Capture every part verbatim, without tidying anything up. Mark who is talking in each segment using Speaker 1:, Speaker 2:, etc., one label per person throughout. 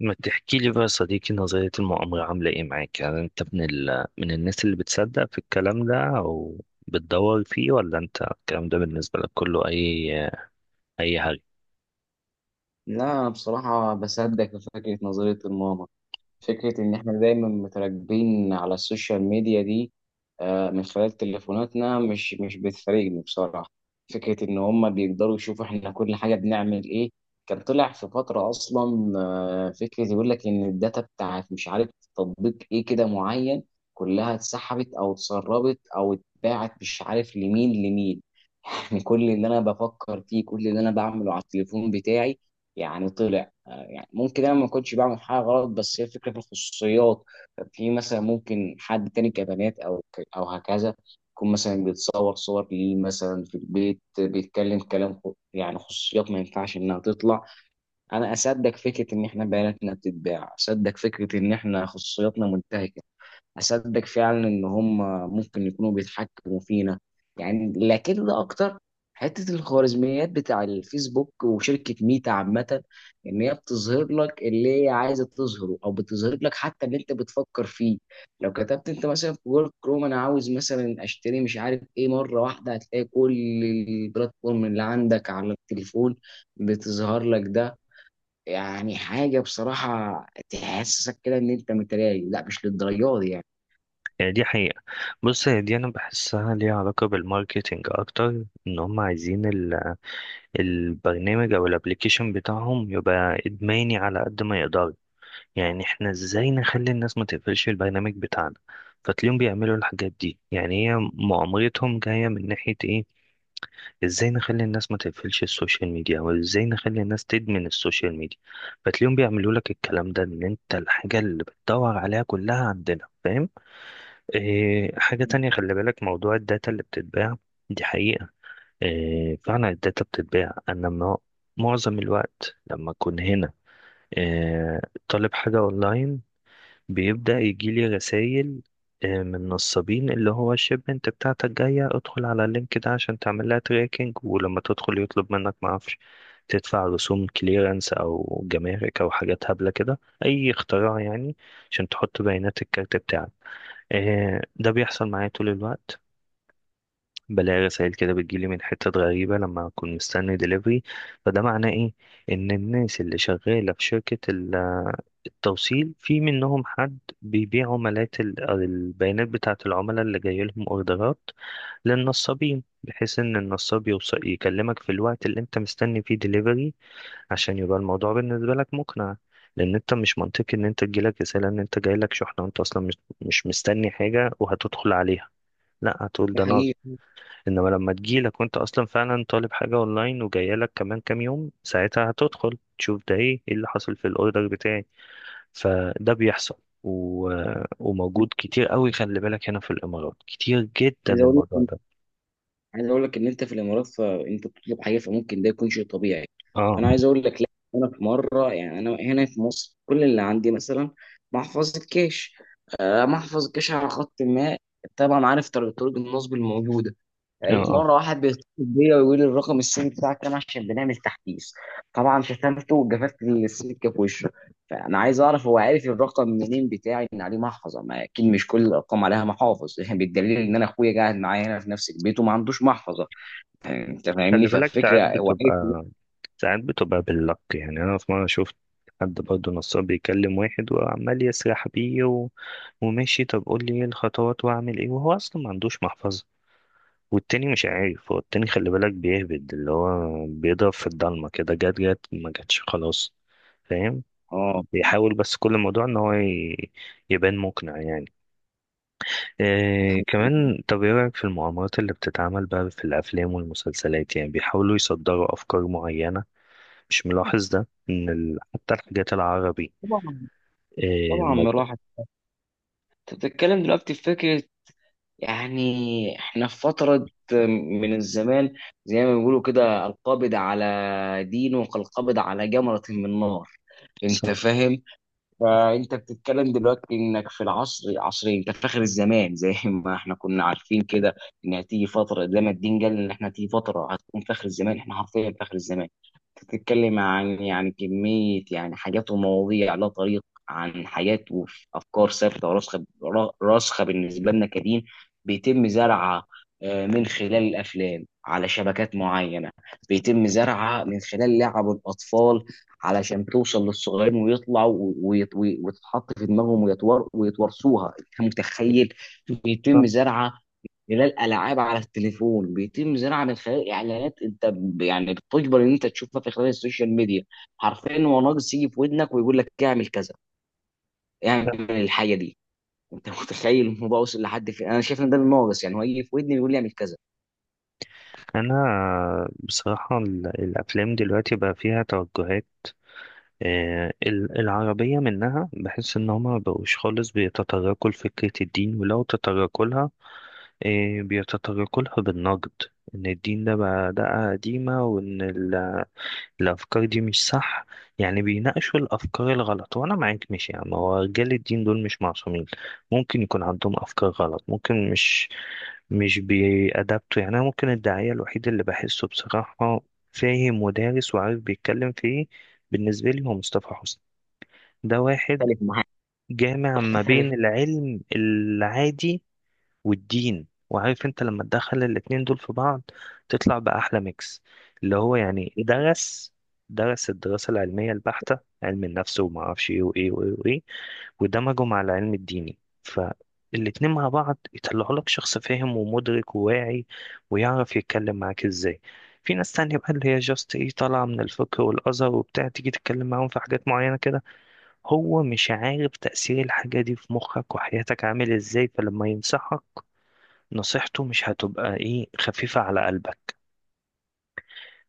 Speaker 1: ما تحكي لي بقى يا صديقي، نظرية المؤامرة عاملة ايه معاك؟ يعني انت من ال... من الناس اللي بتصدق في الكلام ده او بتدور فيه، ولا انت الكلام ده بالنسبة لك كله اي اي حاجة؟
Speaker 2: لا، أنا بصراحة بصدق في فكرة نظرية الماما. فكرة إن إحنا دايما متراكبين على السوشيال ميديا دي آه، من خلال تليفوناتنا، مش مش بتفارقني بصراحة. فكرة إن هما بيقدروا يشوفوا إحنا كل حاجة بنعمل إيه. كان طلع في فترة أصلا آه، فكرة يقول لك إن الداتا بتاعت مش عارف تطبيق إيه كده معين، كلها اتسحبت أو اتسربت أو اتباعت مش عارف لمين لمين. كل اللي انا بفكر فيه، كل اللي انا بعمله على التليفون بتاعي يعني طلع. آه، يعني ممكن انا ما كنتش بعمل حاجه غلط، بس هي الفكره في الخصوصيات. في مثلا ممكن حد تاني كبنات او ك- او هكذا يكون مثلا بيتصور صور ليه، مثلا في البيت بيتكلم كلام خ- يعني خصوصيات ما ينفعش انها تطلع. انا اصدق فكره ان احنا بياناتنا بتتباع، اصدق فكره ان احنا خصوصياتنا منتهكه، اصدق فعلا ان هم ممكن يكونوا بيتحكموا فينا يعني. لكن ده اكتر حته الخوارزميات بتاع الفيسبوك وشركه ميتا عامه، ان هي بتظهر لك اللي هي عايزه تظهره، او بتظهر لك حتى اللي انت بتفكر فيه. لو كتبت انت مثلا في جوجل كروم انا عاوز مثلا اشتري مش عارف ايه، مره واحده هتلاقي كل البلاتفورم اللي عندك على التليفون بتظهر لك ده. يعني حاجه بصراحه تحسسك كده ان انت متراجع. لا، مش للدرجه دي يعني.
Speaker 1: يعني دي حقيقة. بص، هي دي انا بحسها ليها علاقة بالماركتينج اكتر، ان هم عايزين ال... البرنامج او الابليكيشن بتاعهم يبقى ادماني على قد ما يقدر. يعني احنا ازاي نخلي الناس ما تقفلش البرنامج بتاعنا؟ فتلاقيهم بيعملوا الحاجات دي. يعني هي مؤامرتهم جاية من ناحية ايه؟ ازاي نخلي الناس ما تقفلش السوشيال ميديا، وازاي نخلي الناس تدمن السوشيال ميديا. فتلاقيهم بيعملوا لك الكلام ده، ان انت الحاجة اللي بتدور عليها كلها عندنا. فاهم؟ إيه حاجة تانية؟ خلي بالك موضوع الداتا اللي بتتباع، دي حقيقة. إيه، فعلا الداتا بتتباع. انا ما- معظم الوقت لما اكون هنا، إيه، طالب حاجة اونلاين، بيبدأ يجيلي رسائل آه، من نصابين، اللي هو الشيب انت بتاعتك جاية، ادخل على اللينك ده عشان تعمل لها تراكنج، ولما تدخل يطلب منك معرفش تدفع رسوم كليرنس او جمارك او حاجات هبلة كده، اي اختراع يعني، عشان تحط بيانات الكارت بتاعك. آه، ده بيحصل معايا طول الوقت. بلاقي رسائل كده بتجيلي من حتت غريبة لما أكون مستني دليفري. فده معناه إيه؟ إن الناس اللي شغالة في شركة ال- التوصيل في منهم حد بيبيع عملات ال- البيانات بتاعة العملاء اللي جاي لهم أوردرات للنصابين، بحيث إن النصاب يوصل يكلمك في الوقت اللي أنت مستني فيه دليفري، عشان يبقى الموضوع بالنسبة لك مقنع. لأن أنت مش منطقي إن أنت تجيلك رسالة إن أنت جايلك شحنة وأنت أصلا مش مش مستني حاجة وهتدخل عليها. لا، هتقول
Speaker 2: ده
Speaker 1: ده أنا.
Speaker 2: حقيقي.
Speaker 1: انما لما تجيلك وانت اصلا فعلا طالب حاجه اونلاين وجايلك كمان كام يوم، ساعتها هتدخل تشوف ده ايه، ايه اللي حصل في الاوردر بتاعي. فده بيحصل. و... وموجود كتير قوي، خلي بالك، هنا في الامارات كتير جدا
Speaker 2: عايز اقول
Speaker 1: الموضوع
Speaker 2: لك،
Speaker 1: ده.
Speaker 2: عايز اقول لك ان انت في الامارات فانت بتطلب حاجه فممكن ده يكون شيء طبيعي.
Speaker 1: اه.
Speaker 2: فانا عايز اقول لك لا. انا في مره، يعني انا هنا في مصر، كل اللي عندي مثلا محفظه كاش، آه، محفظه كاش على خط ما. طبعا عارف طريق طرق النصب الموجوده.
Speaker 1: اه.
Speaker 2: لقيت
Speaker 1: اه،
Speaker 2: مره واحد بيتصل بيا ويقول لي الرقم السيم بتاعك كام عشان بنعمل تحديث. طبعا شتمته وجففت السكه في وشه. فانا عايز اعرف هو عارف الرقم منين بتاعي، ان عليه محفظه؟ ما اكيد مش كل الارقام عليها محافظ بالدليل ان انا اخويا قاعد معايا هنا في نفس البيت وما عندوش محفظه. انت فاهمني؟
Speaker 1: خلي بالك ساعات
Speaker 2: فالفكره هو عارف إن-.
Speaker 1: بتبقى، ساعات بتبقى باللك. يعني انا في مره شفت حد برضه نصاب بيكلم واحد وعمال يسرح بيه و... وماشي، طب قول لي ايه الخطوات واعمل ايه، وهو اصلا ما عندوش محفظه. والتاني مش عارف، هو التاني خلي بالك بيهبد، اللي هو بيضرب في الضلمة كده، جت جت، ما جاتش خلاص. فاهم؟
Speaker 2: اه.
Speaker 1: بيحاول بس. كل الموضوع ان هو ي- يبان مقنع يعني. إيه كمان؟ طب ايه رأيك في المؤامرات اللي بتتعمل بقى في الافلام والمسلسلات؟ يعني بيحاولوا يصدروا افكار معينة. مش ملاحظ ده، ان ال- حتى الحاجات العربي؟
Speaker 2: طبعا.
Speaker 1: إيه ما
Speaker 2: طبعا راحت. انت بتتكلم دلوقتي في فكره، يعني احنا في فتره من الزمان زي ما بيقولوا كده، القابض على دينه كالقابض على جمره من نار. انت
Speaker 1: صح.
Speaker 2: فاهم؟ فانت بتتكلم دلوقتي انك في العصر عصرين، انت فاخر الزمان. زي ما احنا كنا عارفين كده ان هتيجي فتره، زي ما الدين قال ان احنا هتيجي فتره هتكون فاخر الزمان، احنا حرفيا فاخر الزمان. بتتكلم عن يعني كميه، يعني حاجات ومواضيع لا طريق، عن حاجات وافكار ثابته وراسخه را- راسخه بالنسبه لنا كدين. بيتم زرعها آه، من خلال الافلام على شبكات معينه، بيتم زرعها من خلال لعب الاطفال علشان توصل للصغيرين ويطلعوا و- ويت- وي- وتتحط في دماغهم ويتور ويتورثوها. انت متخيل؟ بيتم زرعها خلال العاب على التليفون، بيتم زرعها من خلال اعلانات انت ب- يعني بتجبر ان انت تشوفها في خلال السوشيال ميديا. حرفيا هو ناقص يجي في ودنك ويقول لك اعمل كذا، اعمل الحاجه دي. انت متخيل الموضوع وصل لحد فين؟ انا شايف ان ده الناقص يعني، هو يجي في ودني ويقول لي اعمل كذا.
Speaker 1: انا بصراحة ال- الافلام دلوقتي بقى فيها توجهات. آه، ال- العربية منها بحس إن هما مبقوش خالص بيتطرقوا لفكرة الدين، ولو تطرقوا لها بيتطرقوا لها بالنقد. إن الدين ده بقى ده قديمة، وإن ال- الأفكار دي مش صح. يعني بيناقشوا الأفكار الغلط. وأنا معاك، مش يعني، هو رجال الدين دول مش معصومين، ممكن يكون عندهم أفكار غلط، ممكن مش مش بيأدبتوا. يعني أنا ممكن الداعية الوحيد اللي بحسه بصراحة فاهم ودارس وعارف بيتكلم في إيه، بالنسبة لي هو مصطفى حسني. ده واحد
Speaker 2: اختلف معاك.
Speaker 1: جامع ما
Speaker 2: اختلف.
Speaker 1: بين العلم العادي والدين. وعارف انت لما تدخل الاتنين دول في بعض تطلع بأحلى ميكس، اللي هو يعني درس درس الدراسة العلمية البحتة، علم النفس وما اعرفش ايه وايه وايه وايه، ودمجه مع العلم الديني. فالاتنين مع بعض يطلعوا لك شخص فاهم ومدرك وواعي، ويعرف يتكلم معاك ازاي. في ناس تانية بقى اللي هي جاست ايه، طالعة من الفقه والأزهر وبتاع، تيجي تتكلم معاهم في حاجات معينة كده هو مش عارف تأثير الحاجة دي في مخك وحياتك عامل ازاي، فلما ينصحك نصيحته مش هتبقى ايه، خفيفة على قلبك.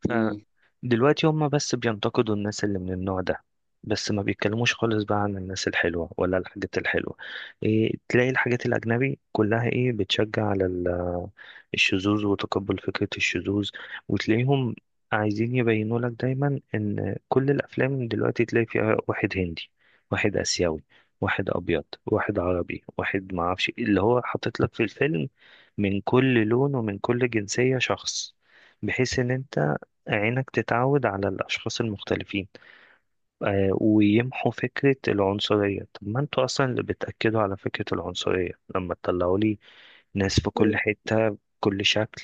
Speaker 2: مم.
Speaker 1: فدلوقتي هم بس بينتقدوا الناس اللي من النوع ده، بس ما بيتكلموش خالص بقى عن الناس الحلوة ولا الحاجات الحلوة. إيه، تلاقي الحاجات الأجنبي كلها إيه، بتشجع على ال- الشذوذ وتقبل فكرة الشذوذ. وتلاقيهم عايزين يبينوا لك دايما إن كل الأفلام دلوقتي تلاقي فيها واحد هندي، واحد آسيوي، واحد أبيض، واحد عربي، واحد معرفش إيه، اللي هو حاطط لك في الفيلم من كل لون ومن كل جنسية شخص، بحيث ان انت عينك تتعود على الأشخاص المختلفين، آه، ويمحوا فكرة العنصرية. طب ما انتوا أصلا اللي بتأكدوا على فكرة العنصرية لما تطلعوا لي ناس في كل حتة بكل شكل.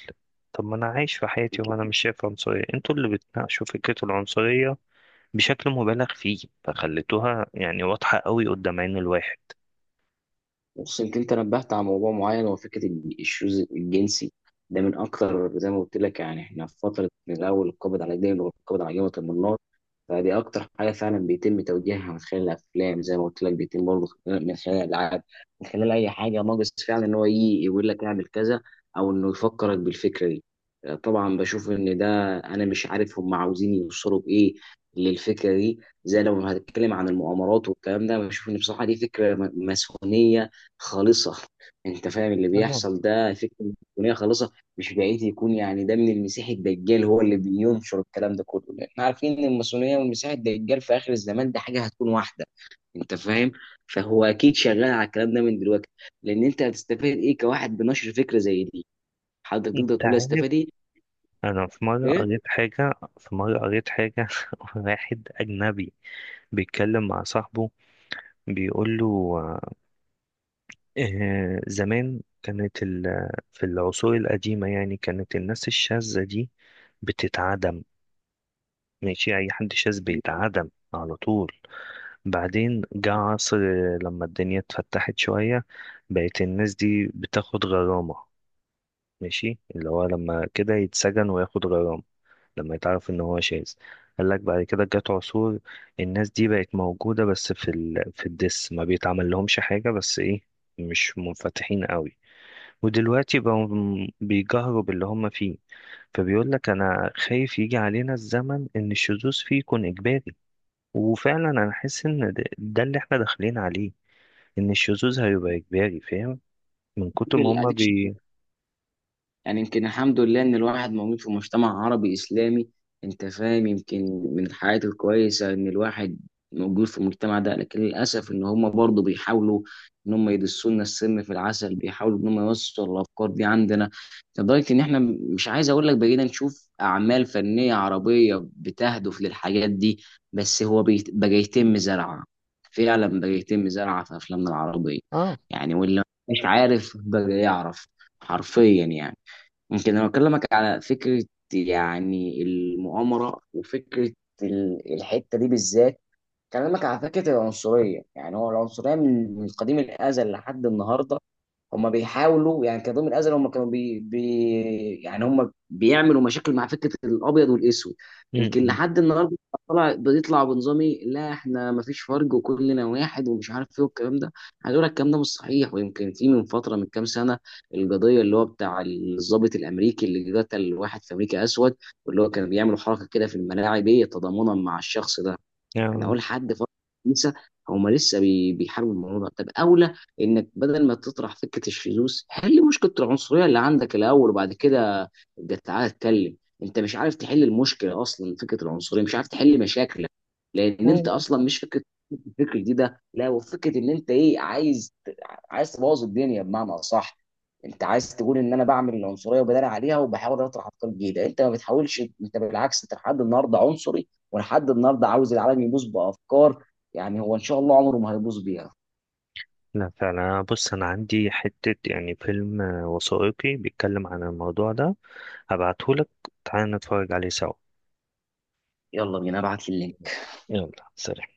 Speaker 1: طب ما أنا عايش في حياتي وأنا مش شايف عنصرية، انتوا اللي بتناقشوا فكرة العنصرية بشكل مبالغ فيه، فخليتوها يعني واضحة قوي قدام عين الواحد.
Speaker 2: بص، انت انت نبهت على موضوع معين، هو فكره ال- الشوز الجنسي. ده من اكتر، زي ما قلت لك يعني احنا في فتره من اول القبض على الدين والقبض على جبهه المنار. فدي اكتر حاجه فعلا بيتم توجيهها من خلال الافلام، زي ما قلت لك بيتم برضه من خلال الالعاب، من خلال اي حاجه. ناقص فعلا ان هو يجي يقول لك اعمل كذا، او انه يفكرك بالفكره دي. طبعا بشوف ان ده، انا مش عارف هم عاوزين يوصلوا بايه للفكره دي. زي لو هنتكلم عن المؤامرات والكلام ده، بشوف ان بصراحه دي فكره م- ماسونيه خالصة. انت فاهم اللي
Speaker 1: تمام.
Speaker 2: بيحصل ده؟ فكرة مسيحية خالصة. مش بعيد يكون يعني ده من المسيح الدجال هو اللي بينشر الكلام ده كله، لان احنا عارفين ان الماسونية والمسيح الدجال في اخر الزمان ده حاجة هتكون واحدة. انت فاهم؟ فهو اكيد شغال على الكلام ده من دلوقتي. لان انت هتستفاد ايه كواحد بنشر فكرة زي دي؟ حضرتك تقدر
Speaker 1: انت
Speaker 2: تقول
Speaker 1: عارف،
Speaker 2: هستفاد ايه؟
Speaker 1: انا في مره
Speaker 2: ايه.
Speaker 1: قريت حاجه في مره قريت حاجه، واحد اجنبي بيتكلم مع صاحبه بيقول له، آه، زمان كانت ال... في العصور القديمة يعني كانت الناس الشاذة دي بتتعدم، ماشي، أي حد شاذ بيتعدم على طول. بعدين جه عصر، آه، لما الدنيا اتفتحت شوية بقت الناس دي بتاخد غرامة، ماشي، اللي هو لما كده يتسجن وياخد غرامة لما يتعرف إن هو شاذ. قالك بعد كده جت عصور الناس دي بقت موجودة بس في ال... في الدس، ما بيتعمل لهمش حاجة بس إيه، مش منفتحين قوي. ودلوقتي بقوا م- بيجهروا باللي هم فيه. فبيقول لك انا خايف يجي علينا الزمن ان الشذوذ فيه يكون اجباري. وفعلا انا حاسس ان ده, ده اللي احنا داخلين عليه، ان الشذوذ هيبقى اجباري. فاهم؟ من كتر ما هم
Speaker 2: اديك.
Speaker 1: بي.
Speaker 2: يعني يمكن الحمد لله ان الواحد موجود في مجتمع عربي اسلامي. انت فاهم؟ يمكن من الحياة الكويسة ان الواحد موجود في المجتمع ده، لكن للاسف ان هم برضه بيحاولوا ان هم يدسوا لنا السم في العسل، بيحاولوا ان هم يوصلوا الافكار دي عندنا لدرجة ان احنا، مش عايز اقول لك، بقينا نشوف اعمال فنية عربية بتهدف للحاجات دي. بس هو بيت- بقى يتم زرعها، فعلا بقى يتم زرعها في افلامنا العربية.
Speaker 1: اه.
Speaker 2: يعني واللي مش عارف بقى يعرف حرفيا يعني. يمكن انا بكلمك على فكره، يعني المؤامره وفكره ال- الحته دي بالذات، بكلمك على فكره العنصريه. يعني هو العنصريه من من قديم الازل لحد النهارده، هم بيحاولوا يعني كظهير من الازل، هم كانوا بي, بي يعني هم بيعملوا مشاكل مع فكره الابيض والاسود.
Speaker 1: م-
Speaker 2: يمكن
Speaker 1: م.
Speaker 2: لحد النهارده طلع بيطلع بنظامي، لا احنا ما فيش فرق وكلنا واحد ومش عارف ايه والكلام ده. عايز اقول لك الكلام ده مش صحيح. ويمكن في من فتره، من كام سنه، القضيه اللي هو بتاع الضابط الامريكي اللي قتل واحد في امريكا اسود، واللي هو كان بيعملوا حركه كده في الملاعب ايه تضامنا مع الشخص ده. انا
Speaker 1: آه.
Speaker 2: اقول حد فرض؟ لسه، هما لسه بي- بيحاربوا الموضوع ده. طب اولى انك بدل ما تطرح فكره الشذوذ، حل مشكله العنصريه اللي عندك الاول وبعد كده ابدا تعالى اتكلم. انت مش عارف تحل المشكله اصلا، فكره العنصريه مش عارف تحل مشاكلك،
Speaker 1: لا
Speaker 2: لان انت
Speaker 1: لا
Speaker 2: اصلا مش فكره الفكره دي ده. لا، وفكره ان انت ايه، عايز عايز تبوظ الدنيا بمعنى اصح. انت عايز تقول ان انا بعمل العنصريه وبدار عليها وبحاول اطرح افكار جديده؟ انت ما بتحاولش، انت بالعكس انت لحد النهارده عنصري ولحد النهارده عاوز العالم يبوظ بافكار. يعني هو ان شاء الله عمره ما هيبوظ بيها.
Speaker 1: لا فعلا. أنا- بص، انا عندي حتة يعني فيلم آه، وثائقي بيتكلم عن الموضوع ده، هبعتهولك، تعالى نتفرج عليه سوا.
Speaker 2: يلا بينا، ابعت لي اللينك.
Speaker 1: يلا سلام.